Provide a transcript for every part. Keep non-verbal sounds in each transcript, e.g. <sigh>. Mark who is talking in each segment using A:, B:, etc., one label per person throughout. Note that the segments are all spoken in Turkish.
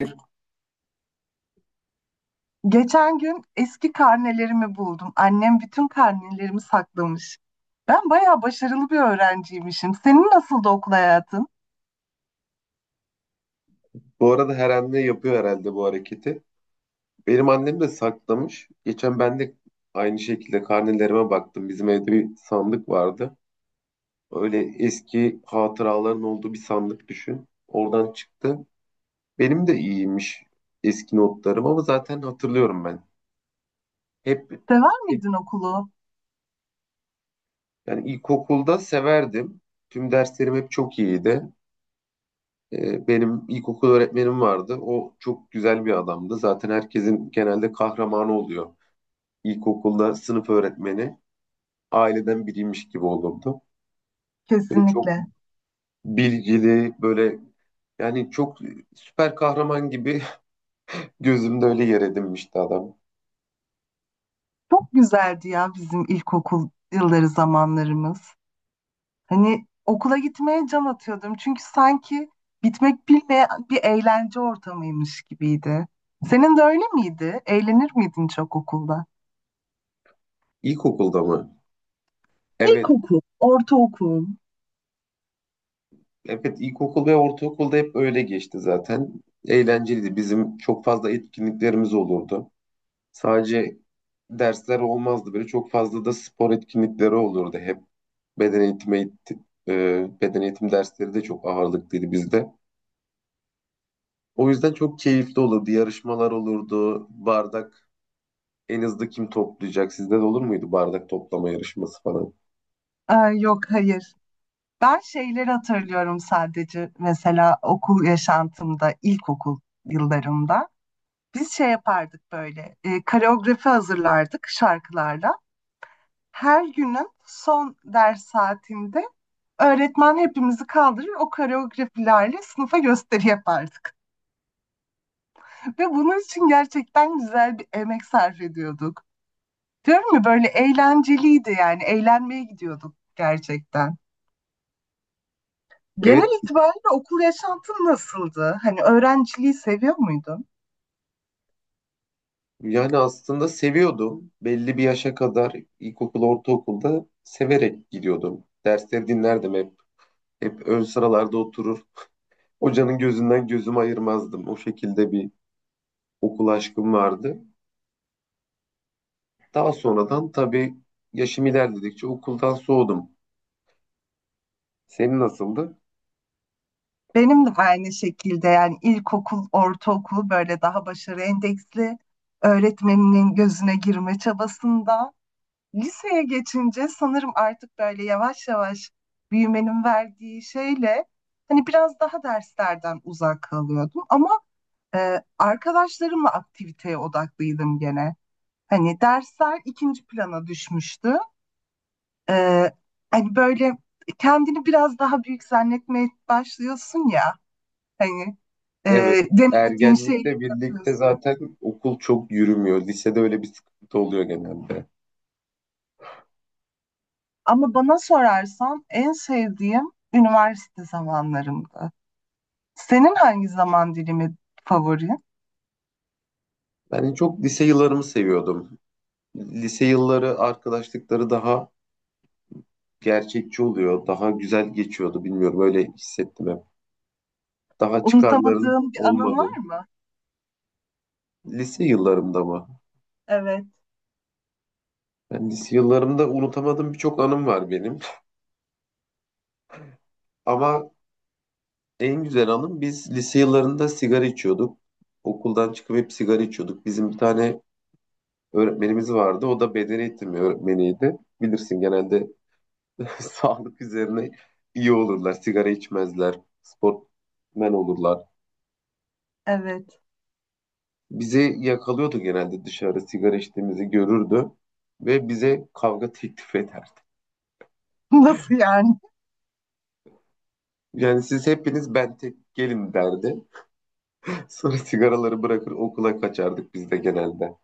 A: Bir.
B: Geçen gün eski karnelerimi buldum. Annem bütün karnelerimi saklamış. Ben bayağı başarılı bir öğrenciymişim. Senin nasıldı okul hayatın?
A: Bu arada her anne yapıyor herhalde bu hareketi. Benim annem de saklamış. Geçen ben de aynı şekilde karnelerime baktım. Bizim evde bir sandık vardı. Öyle eski hatıraların olduğu bir sandık düşün. Oradan çıktı. Benim de iyiymiş eski notlarım ama zaten hatırlıyorum ben. Hep,
B: Sever
A: hep
B: miydin okulu?
A: yani ilkokulda severdim. Tüm derslerim hep çok iyiydi. Benim ilkokul öğretmenim vardı. O çok güzel bir adamdı. Zaten herkesin genelde kahramanı oluyor. İlkokulda sınıf öğretmeni aileden biriymiş gibi olurdu. Böyle çok
B: Kesinlikle.
A: bilgili, böyle yani çok süper kahraman gibi <laughs> gözümde öyle yer edinmişti adam.
B: Çok güzeldi ya bizim ilkokul yılları zamanlarımız. Hani okula gitmeye can atıyordum. Çünkü sanki bitmek bilmeyen bir eğlence ortamıymış gibiydi. Senin de öyle miydi? Eğlenir miydin çok okulda?
A: İlkokulda mı? Evet.
B: İlkokul, ortaokul.
A: Evet, ilkokul ve ortaokulda hep öyle geçti zaten. Eğlenceliydi. Bizim çok fazla etkinliklerimiz olurdu. Sadece dersler olmazdı. Böyle çok fazla da spor etkinlikleri olurdu hep. Beden eğitimi, beden eğitim dersleri de çok ağırlıklıydı bizde. O yüzden çok keyifli olurdu. Yarışmalar olurdu. Bardak en hızlı kim toplayacak? Sizde de olur muydu bardak toplama yarışması falan?
B: Aa, yok hayır. Ben şeyleri hatırlıyorum sadece mesela okul yaşantımda, ilkokul yıllarımda. Biz şey yapardık böyle, koreografi hazırlardık şarkılarla. Her günün son ders saatinde öğretmen hepimizi kaldırır, o koreografilerle sınıfa gösteri yapardık. <laughs> Ve bunun için gerçekten güzel bir emek sarf ediyorduk. Diyorum ya böyle eğlenceliydi yani, eğlenmeye gidiyorduk gerçekten.
A: Evet,
B: Genel itibariyle okul yaşantın nasıldı? Hani öğrenciliği seviyor muydun?
A: yani aslında seviyordum. Belli bir yaşa kadar ilkokul, ortaokulda severek gidiyordum. Dersleri dinlerdim hep. Hep ön sıralarda oturur. Hocanın gözünden gözümü ayırmazdım. O şekilde bir okul aşkım vardı. Daha sonradan tabii yaşım ilerledikçe okuldan soğudum. Senin nasıldı?
B: Benim de aynı şekilde yani ilkokul, ortaokul böyle daha başarı endeksli öğretmeninin gözüne girme çabasında. Liseye geçince sanırım artık böyle yavaş yavaş büyümenin verdiği şeyle hani biraz daha derslerden uzak kalıyordum. Ama arkadaşlarımla aktiviteye odaklıydım gene. Hani dersler ikinci plana düşmüştü. Ee, hani böyle kendini biraz daha büyük zannetmeye başlıyorsun ya hani e,
A: Evet.
B: denemediğin şeyleri
A: Ergenlikle birlikte
B: yapıyorsun.
A: zaten okul çok yürümüyor. Lisede öyle bir sıkıntı oluyor genelde.
B: Ama bana sorarsan en sevdiğim üniversite zamanlarımdı. Senin hangi zaman dilimi favori?
A: Ben en çok lise yıllarımı seviyordum. Lise yılları, arkadaşlıkları daha gerçekçi oluyor. Daha güzel geçiyordu. Bilmiyorum öyle hissettim hep. Daha çıkarların
B: Unutamadığın bir anın
A: olmadı.
B: var mı?
A: Lise yıllarımda mı?
B: Evet,
A: Ben lise yıllarımda unutamadığım birçok anım var benim. Ama en güzel anım biz lise yıllarında sigara içiyorduk. Okuldan çıkıp hep sigara içiyorduk. Bizim bir tane öğretmenimiz vardı. O da beden eğitimi öğretmeniydi. Bilirsin genelde <laughs> sağlık üzerine iyi olurlar. Sigara içmezler. Sportmen olurlar.
B: evet.
A: Bizi yakalıyordu genelde, dışarı sigara içtiğimizi görürdü ve bize kavga teklif ederdi.
B: <laughs> Nasıl yani?
A: Yani siz hepiniz, ben tek gelin derdi. <laughs> Sonra sigaraları bırakır okula kaçardık biz de genelde.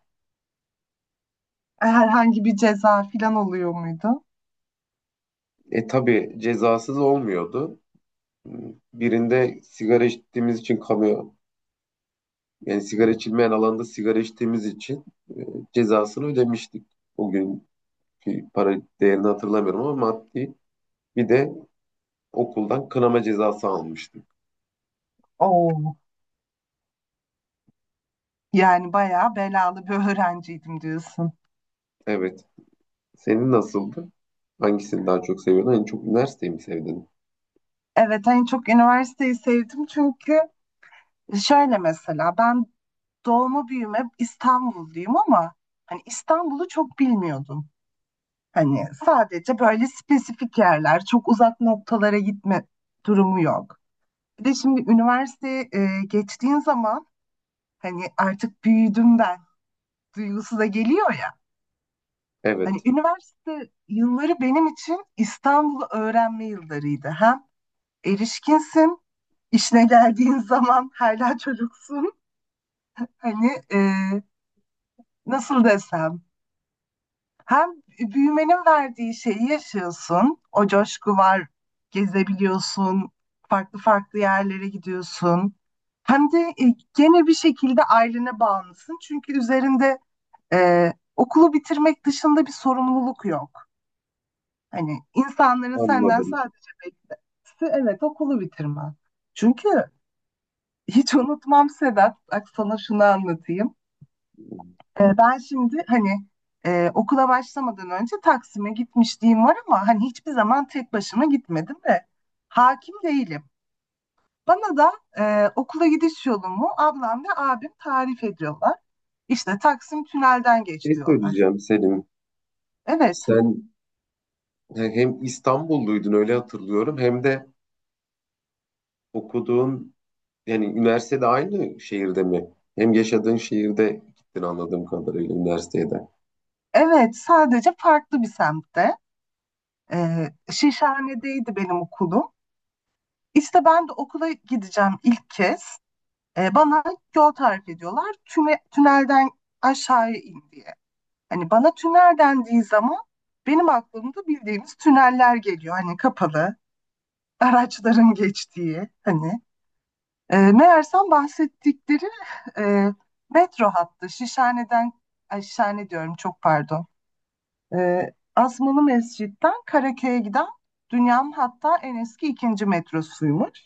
B: Herhangi bir ceza falan oluyor muydu?
A: E tabii cezasız olmuyordu. Birinde sigara içtiğimiz için kamu, yani sigara içilmeyen alanda sigara içtiğimiz için e, cezasını ödemiştik. O günkü para değerini hatırlamıyorum ama maddi bir de okuldan kınama cezası almıştık.
B: Oo. Yani bayağı belalı bir öğrenciydim diyorsun.
A: Evet. Senin nasıldı? Hangisini daha çok seviyordun? En çok üniversiteyi mi sevdin?
B: Evet, en çok üniversiteyi sevdim çünkü şöyle mesela ben doğma büyüme İstanbulluyum ama hani İstanbul'u çok bilmiyordum. Hani sadece böyle spesifik yerler, çok uzak noktalara gitme durumu yok. Bir de şimdi üniversiteye geçtiğin zaman hani artık büyüdüm ben duygusu da geliyor ya. Hani
A: Evet,
B: üniversite yılları benim için İstanbul'u öğrenme yıllarıydı. Hem erişkinsin, işine geldiğin <laughs> zaman hala çocuksun. Hani nasıl desem hem büyümenin verdiği şeyi yaşıyorsun. O coşku var. Gezebiliyorsun. Farklı farklı yerlere gidiyorsun. Hem de gene bir şekilde ailene bağımlısın. Çünkü üzerinde okulu bitirmek dışında bir sorumluluk yok. Hani insanların senden
A: anladım.
B: sadece beklentisi evet okulu bitirmen. Çünkü hiç unutmam Sedat. Bak sana şunu anlatayım. Ben şimdi hani okula başlamadan önce Taksim'e gitmişliğim var ama hani hiçbir zaman tek başıma gitmedim de hakim değilim. Bana da okula gidiş yolumu ablam ve abim tarif ediyorlar. İşte Taksim Tünel'den geç
A: Ne
B: diyorlar.
A: söyleyeceğim Selim?
B: Evet,
A: Sen hem İstanbulluydun öyle hatırlıyorum hem de okuduğun yani üniversitede aynı şehirde mi? Hem yaşadığın şehirde gittin anladığım kadarıyla üniversiteye de.
B: evet sadece farklı bir semtte. Şişhane'deydi benim okulum. İşte ben de okula gideceğim ilk kez. Bana yol tarif ediyorlar. Tünelden aşağıya in diye. Hani bana tünel dendiği zaman benim aklımda bildiğimiz tüneller geliyor. Hani kapalı, araçların geçtiği hani. Meğersem bahsettikleri e, metro hattı Şişhane'den, ay Şişhane diyorum çok pardon. E, Asmalı Mescid'den Karaköy'e giden dünyanın hatta en eski ikinci metrosuymuş.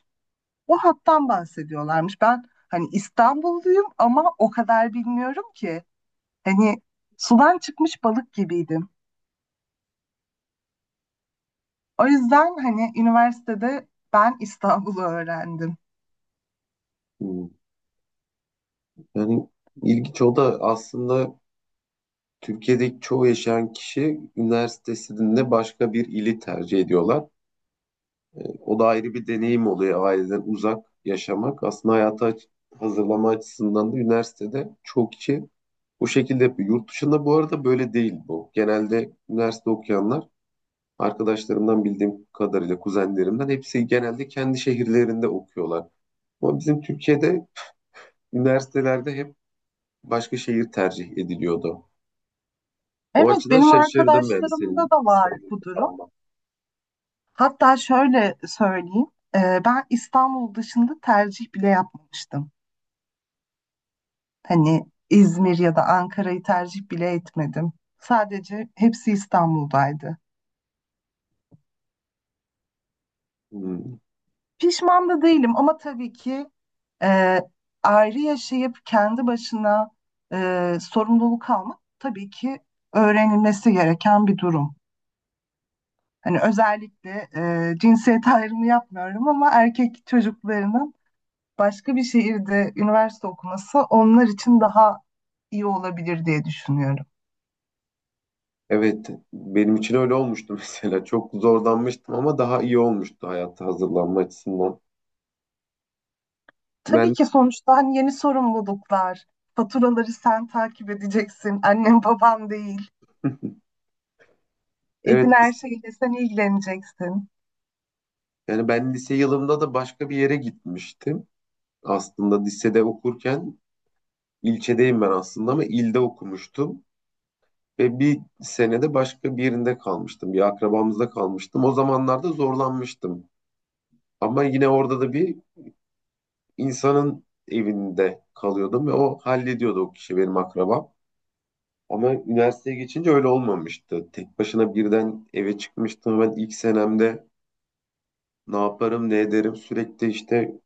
B: O hattan bahsediyorlarmış. Ben hani İstanbulluyum ama o kadar bilmiyorum ki. Hani sudan çıkmış balık gibiydim. O yüzden hani üniversitede ben İstanbul'u öğrendim.
A: Hmm. Yani ilginç, o da aslında Türkiye'deki çoğu yaşayan kişi üniversitesinde başka bir ili tercih ediyorlar. O da ayrı bir deneyim oluyor aileden uzak yaşamak. Aslında hayata hazırlama açısından da üniversitede çoğu kişi bu şekilde yapıyor. Yurt dışında bu arada böyle değil bu. Genelde üniversite okuyanlar, arkadaşlarımdan bildiğim kadarıyla, kuzenlerimden hepsi genelde kendi şehirlerinde okuyorlar. Ama bizim Türkiye'de üniversitelerde hep başka şehir tercih ediliyordu. O
B: Evet,
A: açıdan
B: benim
A: şaşırdım yani
B: arkadaşlarımda
A: senin
B: da var
A: İstanbul'da
B: bu durum.
A: kalman.
B: Hatta şöyle söyleyeyim, ben İstanbul dışında tercih bile yapmamıştım. Hani İzmir ya da Ankara'yı tercih bile etmedim. Sadece hepsi İstanbul'daydı.
A: Hmm.
B: Pişman da değilim ama tabii ki e, ayrı yaşayıp kendi başına sorumluluk almak tabii ki öğrenilmesi gereken bir durum. Hani özellikle cinsiyet ayrımı yapmıyorum ama erkek çocuklarının başka bir şehirde üniversite okuması onlar için daha iyi olabilir diye düşünüyorum.
A: Evet, benim için öyle olmuştu <laughs> mesela. Çok zorlanmıştım ama daha iyi olmuştu hayata hazırlanma açısından.
B: Tabii
A: Ben
B: ki sonuçta hani yeni sorumluluklar, faturaları sen takip edeceksin, annem babam değil, evin
A: evet
B: her şeyiyle sen ilgileneceksin.
A: yani ben lise yılımda da başka bir yere gitmiştim. Aslında lisede okurken ilçedeyim ben aslında ama ilde okumuştum ve bir senede başka bir yerinde kalmıştım. Bir akrabamızda kalmıştım. O zamanlarda zorlanmıştım. Ama yine orada da bir insanın evinde kalıyordum ve o hallediyordu, o kişi benim akrabam. Ama üniversiteye geçince öyle olmamıştı. Tek başına birden eve çıkmıştım. Ben ilk senemde ne yaparım, ne ederim sürekli işte,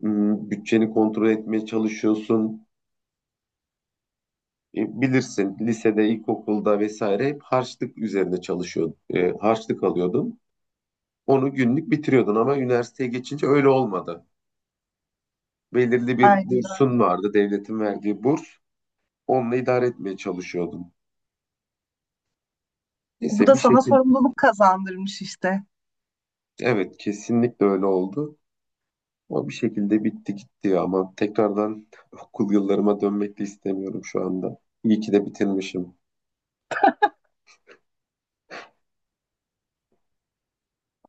A: bütçeni kontrol etmeye çalışıyorsun. Bilirsin lisede, ilkokulda vesaire hep harçlık üzerine çalışıyordun. Harçlık alıyordun. Onu günlük bitiriyordun ama üniversiteye geçince öyle olmadı. Belirli bir
B: Aynen.
A: bursun vardı, devletin verdiği burs. Onunla idare etmeye çalışıyordun.
B: Bu
A: Neyse,
B: da
A: bir
B: sana
A: şekilde
B: sorumluluk kazandırmış işte.
A: evet kesinlikle öyle oldu. Ama bir şekilde bitti gitti ya. Ama tekrardan okul yıllarıma dönmek de istemiyorum şu anda. İyi ki de bitirmişim.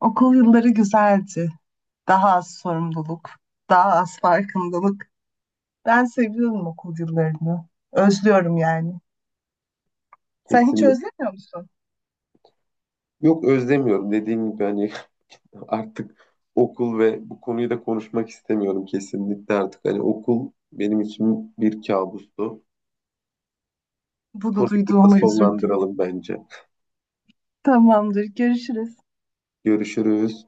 B: Okul yılları güzeldi. Daha az sorumluluk, daha az farkındalık. Ben seviyorum okulcularını. Özlüyorum yani. Sen hiç
A: Kesinlikle.
B: özlemiyor musun?
A: Yok özlemiyorum. Dediğim gibi hani <laughs> artık okul ve bu konuyu da konuşmak istemiyorum kesinlikle artık. Hani okul benim için bir kabustu.
B: Bunu
A: Konuyu burada
B: duyduğuma üzüldüm.
A: sonlandıralım bence.
B: Tamamdır. Görüşürüz.
A: Görüşürüz.